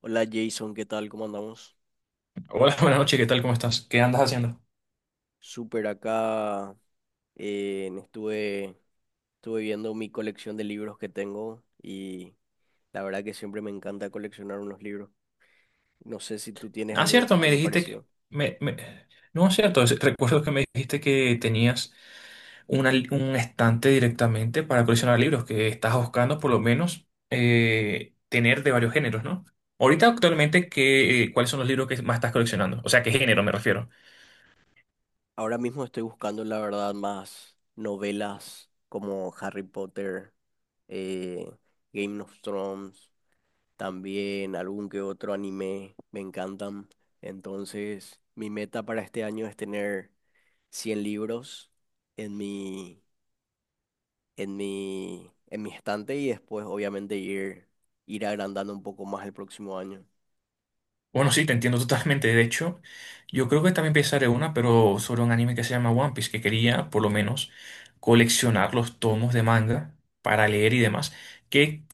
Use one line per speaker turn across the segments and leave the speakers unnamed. Hola, Jason, ¿qué tal? ¿Cómo andamos?
Hola, buenas noches, ¿qué tal? ¿Cómo estás? ¿Qué andas haciendo?
Súper acá. eh, estuve, Estuve viendo mi colección de libros que tengo y la verdad que siempre me encanta coleccionar unos libros. No sé si tú tienes
Ah,
algo,
cierto, me
algo
dijiste que.
parecido.
Me, me- No, es cierto, recuerdo que me dijiste que tenías un estante directamente para coleccionar libros, que estás buscando por lo menos tener de varios géneros, ¿no? Ahorita actualmente, cuáles son los libros que más estás coleccionando? O sea, ¿qué género me refiero?
Ahora mismo estoy buscando, la verdad, más novelas como Harry Potter, eh, Game of Thrones, también algún que otro anime, me encantan. Entonces, mi meta para este año es tener 100 libros en mi, en mi estante, y después obviamente ir agrandando un poco más el próximo año.
Bueno, sí, te entiendo totalmente. De hecho, yo creo que también pensaré una, pero sobre un anime que se llama One Piece, que quería por lo menos coleccionar los tomos de manga para leer y demás, que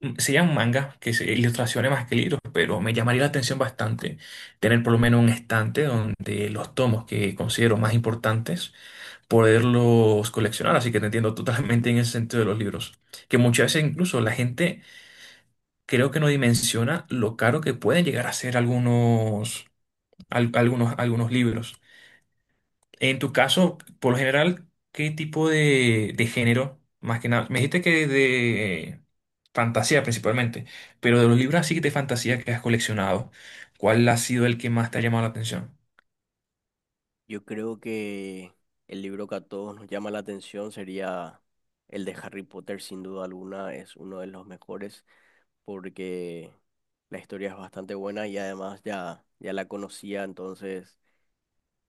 serían mangas, que se ilustraciones más que libros, pero me llamaría la atención bastante tener por lo menos un estante donde los tomos que considero más importantes, poderlos coleccionar. Así que te entiendo totalmente en ese sentido de los libros. Que muchas veces incluso la gente creo que no dimensiona lo caro que pueden llegar a ser algunos algunos libros. En tu caso, por lo general, ¿qué tipo de género? Más que nada, me dijiste que de fantasía principalmente, pero de los libros así de fantasía que has coleccionado, ¿cuál ha sido el que más te ha llamado la atención?
Yo creo que el libro que a todos nos llama la atención sería el de Harry Potter. Sin duda alguna, es uno de los mejores porque la historia es bastante buena y además ya, ya la conocía. Entonces,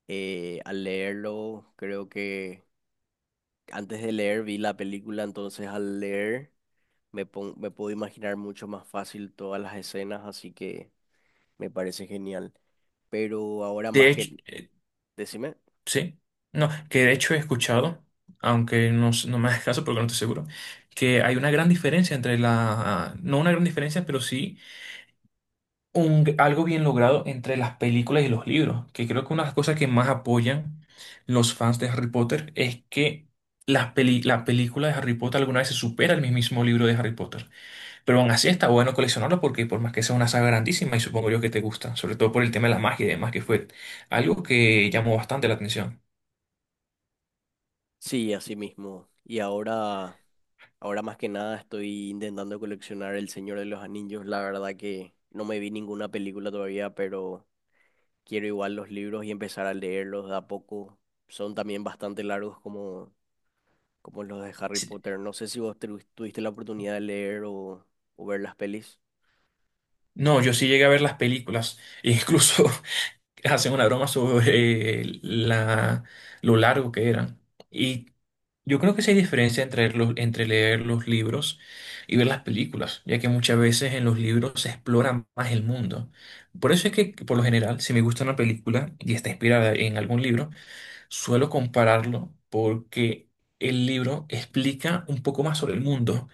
al leerlo, creo que antes de leer vi la película. Entonces, al leer, me puedo imaginar mucho más fácil todas las escenas, así que me parece genial. Pero ahora
De
más que…
hecho,
Decime.
sí, no, que de hecho he escuchado, aunque no, no me hagas caso porque no estoy seguro, que hay una gran diferencia entre no una gran diferencia, pero sí algo bien logrado entre las películas y los libros, que creo que una de las cosas que más apoyan los fans de Harry Potter es que la película de Harry Potter alguna vez se supera el mismo libro de Harry Potter, pero aún así está bueno coleccionarlo porque por más que sea una saga grandísima y supongo yo que te gusta, sobre todo por el tema de la magia y demás, que fue algo que llamó bastante la atención.
Sí, así mismo. Y ahora, ahora más que nada estoy intentando coleccionar El Señor de los Anillos. La verdad que no me vi ninguna película todavía, pero quiero igual los libros y empezar a leerlos de a poco. Son también bastante largos como los de Harry
Sí.
Potter. No sé si vos tuviste la oportunidad de leer o ver las pelis.
No, yo sí llegué a ver las películas, e incluso hacen una broma sobre lo largo que eran. Y yo creo que sí hay diferencia entre leer los libros y ver las películas, ya que muchas veces en los libros se explora más el mundo. Por eso es que, por lo general, si me gusta una película y está inspirada en algún libro, suelo compararlo porque el libro explica un poco más sobre el mundo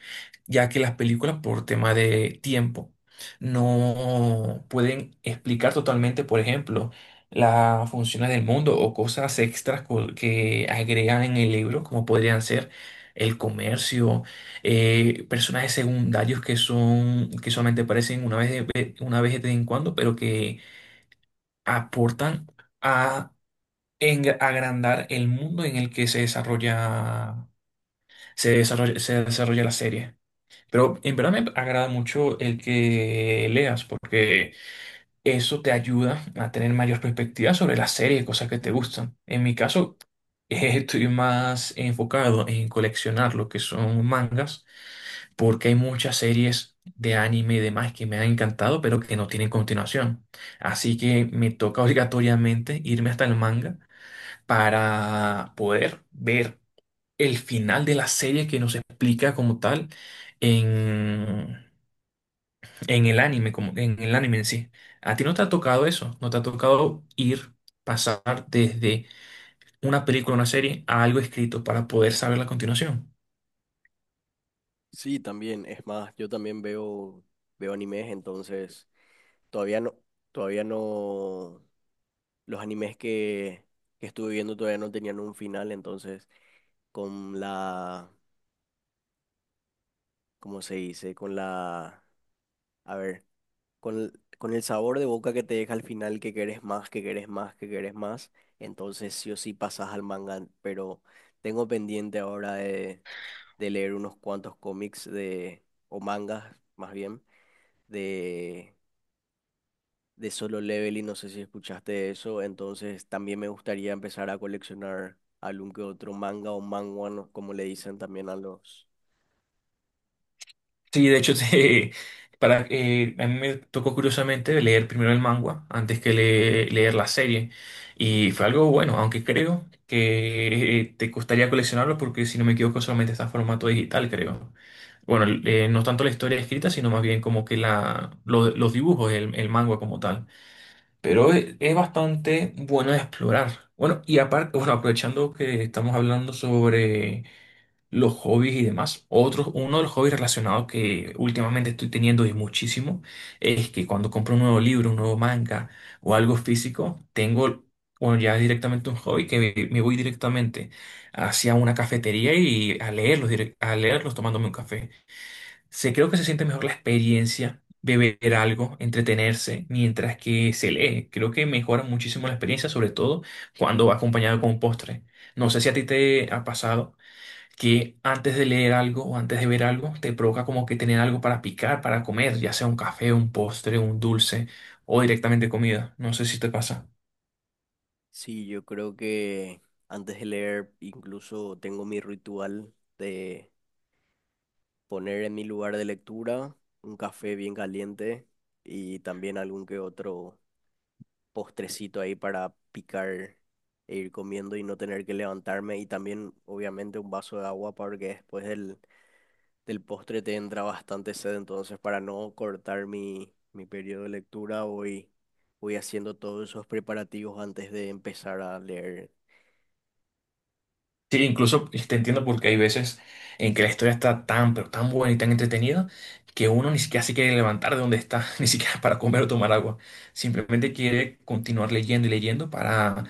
ya que las películas por tema de tiempo no pueden explicar totalmente, por ejemplo, las funciones del mundo o cosas extras que agregan en el libro, como podrían ser el comercio, personajes secundarios que son que solamente aparecen una vez de vez en cuando, pero que aportan a agrandar el mundo en el que se desarrolla la serie. Pero en verdad me agrada mucho el que leas porque eso te ayuda a tener mayor perspectiva sobre las series, cosas que te gustan. En mi caso, estoy más enfocado en coleccionar lo que son mangas porque hay muchas series de anime y demás que me han encantado pero que no tienen continuación. Así que me toca obligatoriamente irme hasta el manga para poder ver el final de la serie que nos explica como tal en en el anime, como en el anime en sí. ¿A ti no te ha tocado eso? ¿No te ha tocado ir, pasar desde una película, una serie, a algo escrito para poder saber la continuación?
Sí, también. Es más, yo también veo animes. Entonces, todavía no, todavía no, los animes que estuve viendo todavía no tenían un final. Entonces, con la, ¿cómo se dice? Con la, a ver, con el sabor de boca que te deja al final, que querés más, que querés más, que querés más, entonces sí o sí pasas al manga. Pero tengo pendiente ahora de, leer unos cuantos cómics de, o mangas, más bien, de de Solo Leveling. No sé si escuchaste eso. Entonces, también me gustaría empezar a coleccionar algún que otro manga o manhwa, ¿no? Como le dicen también a los…
Sí, de hecho, a mí me tocó curiosamente leer primero el manga antes que leer la serie. Y fue algo bueno, aunque creo que te costaría coleccionarlo porque, si no me equivoco, solamente está en formato digital, creo. Bueno, no tanto la historia escrita, sino más bien como que los dibujos, el manga como tal. Pero es bastante bueno de explorar. Bueno, y aparte, bueno, aprovechando que estamos hablando sobre los hobbies y demás, otro, uno de los hobbies relacionados que últimamente estoy teniendo y muchísimo es que cuando compro un nuevo libro, un nuevo manga o algo físico, tengo, bueno, ya es directamente un hobby que me voy directamente hacia una cafetería y a leerlos, a leerlos tomándome un café. Se creo que se siente mejor la experiencia, beber algo, entretenerse, mientras que se lee. Creo que mejora muchísimo la experiencia, sobre todo cuando va acompañado con un postre. No sé si a ti te ha pasado que antes de leer algo o antes de ver algo, te provoca como que tener algo para picar, para comer, ya sea un café, un postre, un dulce o directamente comida. No sé si te pasa.
Sí, yo creo que antes de leer incluso tengo mi ritual de poner en mi lugar de lectura un café bien caliente, y también algún que otro postrecito ahí para picar e ir comiendo y no tener que levantarme, y también obviamente un vaso de agua, porque después del postre te entra bastante sed. Entonces, para no cortar mi periodo de lectura, voy haciendo todos esos preparativos antes de empezar a leer.
Sí, incluso te entiendo porque hay veces en que la historia está tan, pero tan buena y tan entretenida que uno ni siquiera se quiere levantar de donde está, ni siquiera para comer o tomar agua. Simplemente quiere continuar leyendo y leyendo para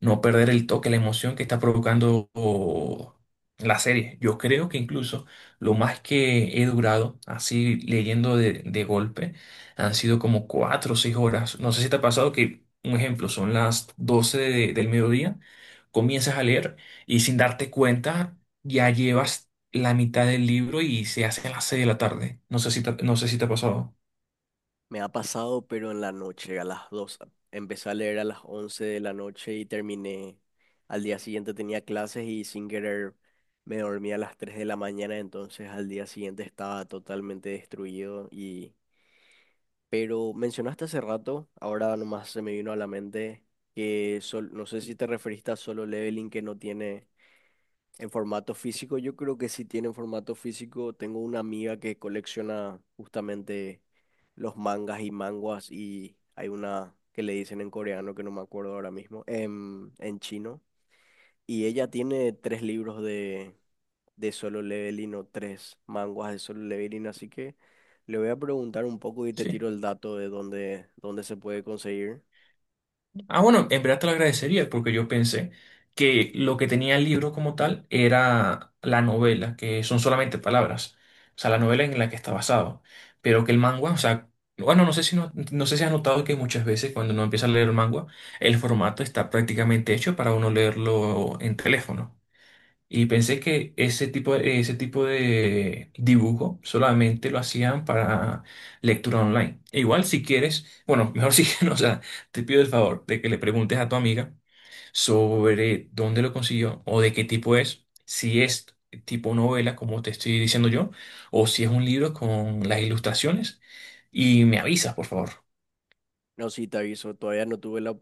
no perder el toque, la emoción que está provocando o, la serie. Yo creo que incluso lo más que he durado así leyendo de golpe han sido como 4 o 6 horas. No sé si te ha pasado que, un ejemplo, son las 12 del mediodía comienzas a leer y sin darte cuenta, ya llevas la mitad del libro y se hace a las 6 de la tarde. No sé si te ha pasado.
Me ha pasado, pero en la noche, a las 2. Empecé a leer a las 11 de la noche y terminé. Al día siguiente tenía clases y sin querer me dormí a las 3 de la mañana. Entonces, al día siguiente estaba totalmente destruido. Y pero mencionaste hace rato, ahora nomás se me vino a la mente, que no sé si te referiste a Solo Leveling, que no tiene en formato físico. Yo creo que sí tiene en formato físico. Tengo una amiga que colecciona justamente los mangas y manguas, y hay una que le dicen en coreano, que no me acuerdo ahora mismo, en chino. Y ella tiene tres libros de Solo Leveling, o tres manguas de Solo Leveling, así que le voy a preguntar un poco y te
Sí.
tiro el dato de dónde se puede conseguir.
Ah, bueno, en verdad te lo agradecería porque yo pensé que lo que tenía el libro como tal era la novela, que son solamente palabras. O sea, la novela en la que está basado. Pero que el manga, o sea, bueno, no sé si has notado que muchas veces cuando uno empieza a leer el manga, el formato está prácticamente hecho para uno leerlo en teléfono. Y pensé que ese tipo de dibujo solamente lo hacían para lectura online. E igual si quieres, bueno, mejor si no, o sea, te pido el favor de que le preguntes a tu amiga sobre dónde lo consiguió o de qué tipo es, si es tipo novela, como te estoy diciendo yo, o si es un libro con las ilustraciones, y me avisas, por favor.
No, sí, te aviso. Todavía no tuve la,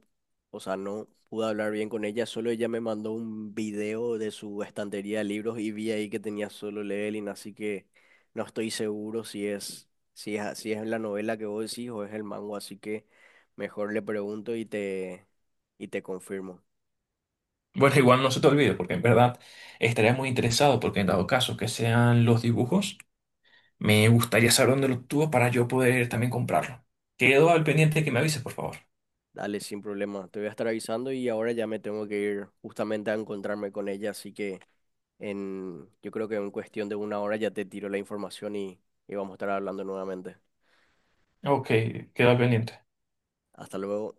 o sea, no pude hablar bien con ella. Solo ella me mandó un video de su estantería de libros y vi ahí que tenía Solo Leveling, así que no estoy seguro si es la novela que vos decís o es el mango, así que mejor le pregunto y y te confirmo.
Bueno, igual no se te olvide, porque en verdad estaría muy interesado, porque en dado caso que sean los dibujos, me gustaría saber dónde lo obtuvo para yo poder también comprarlo. Quedo al pendiente de que me avises, por favor.
Dale, sin problema. Te voy a estar avisando. Y ahora ya me tengo que ir justamente a encontrarme con ella, así que yo creo que en cuestión de una hora ya te tiro la información y vamos a estar hablando nuevamente.
Ok, queda pendiente.
Hasta luego.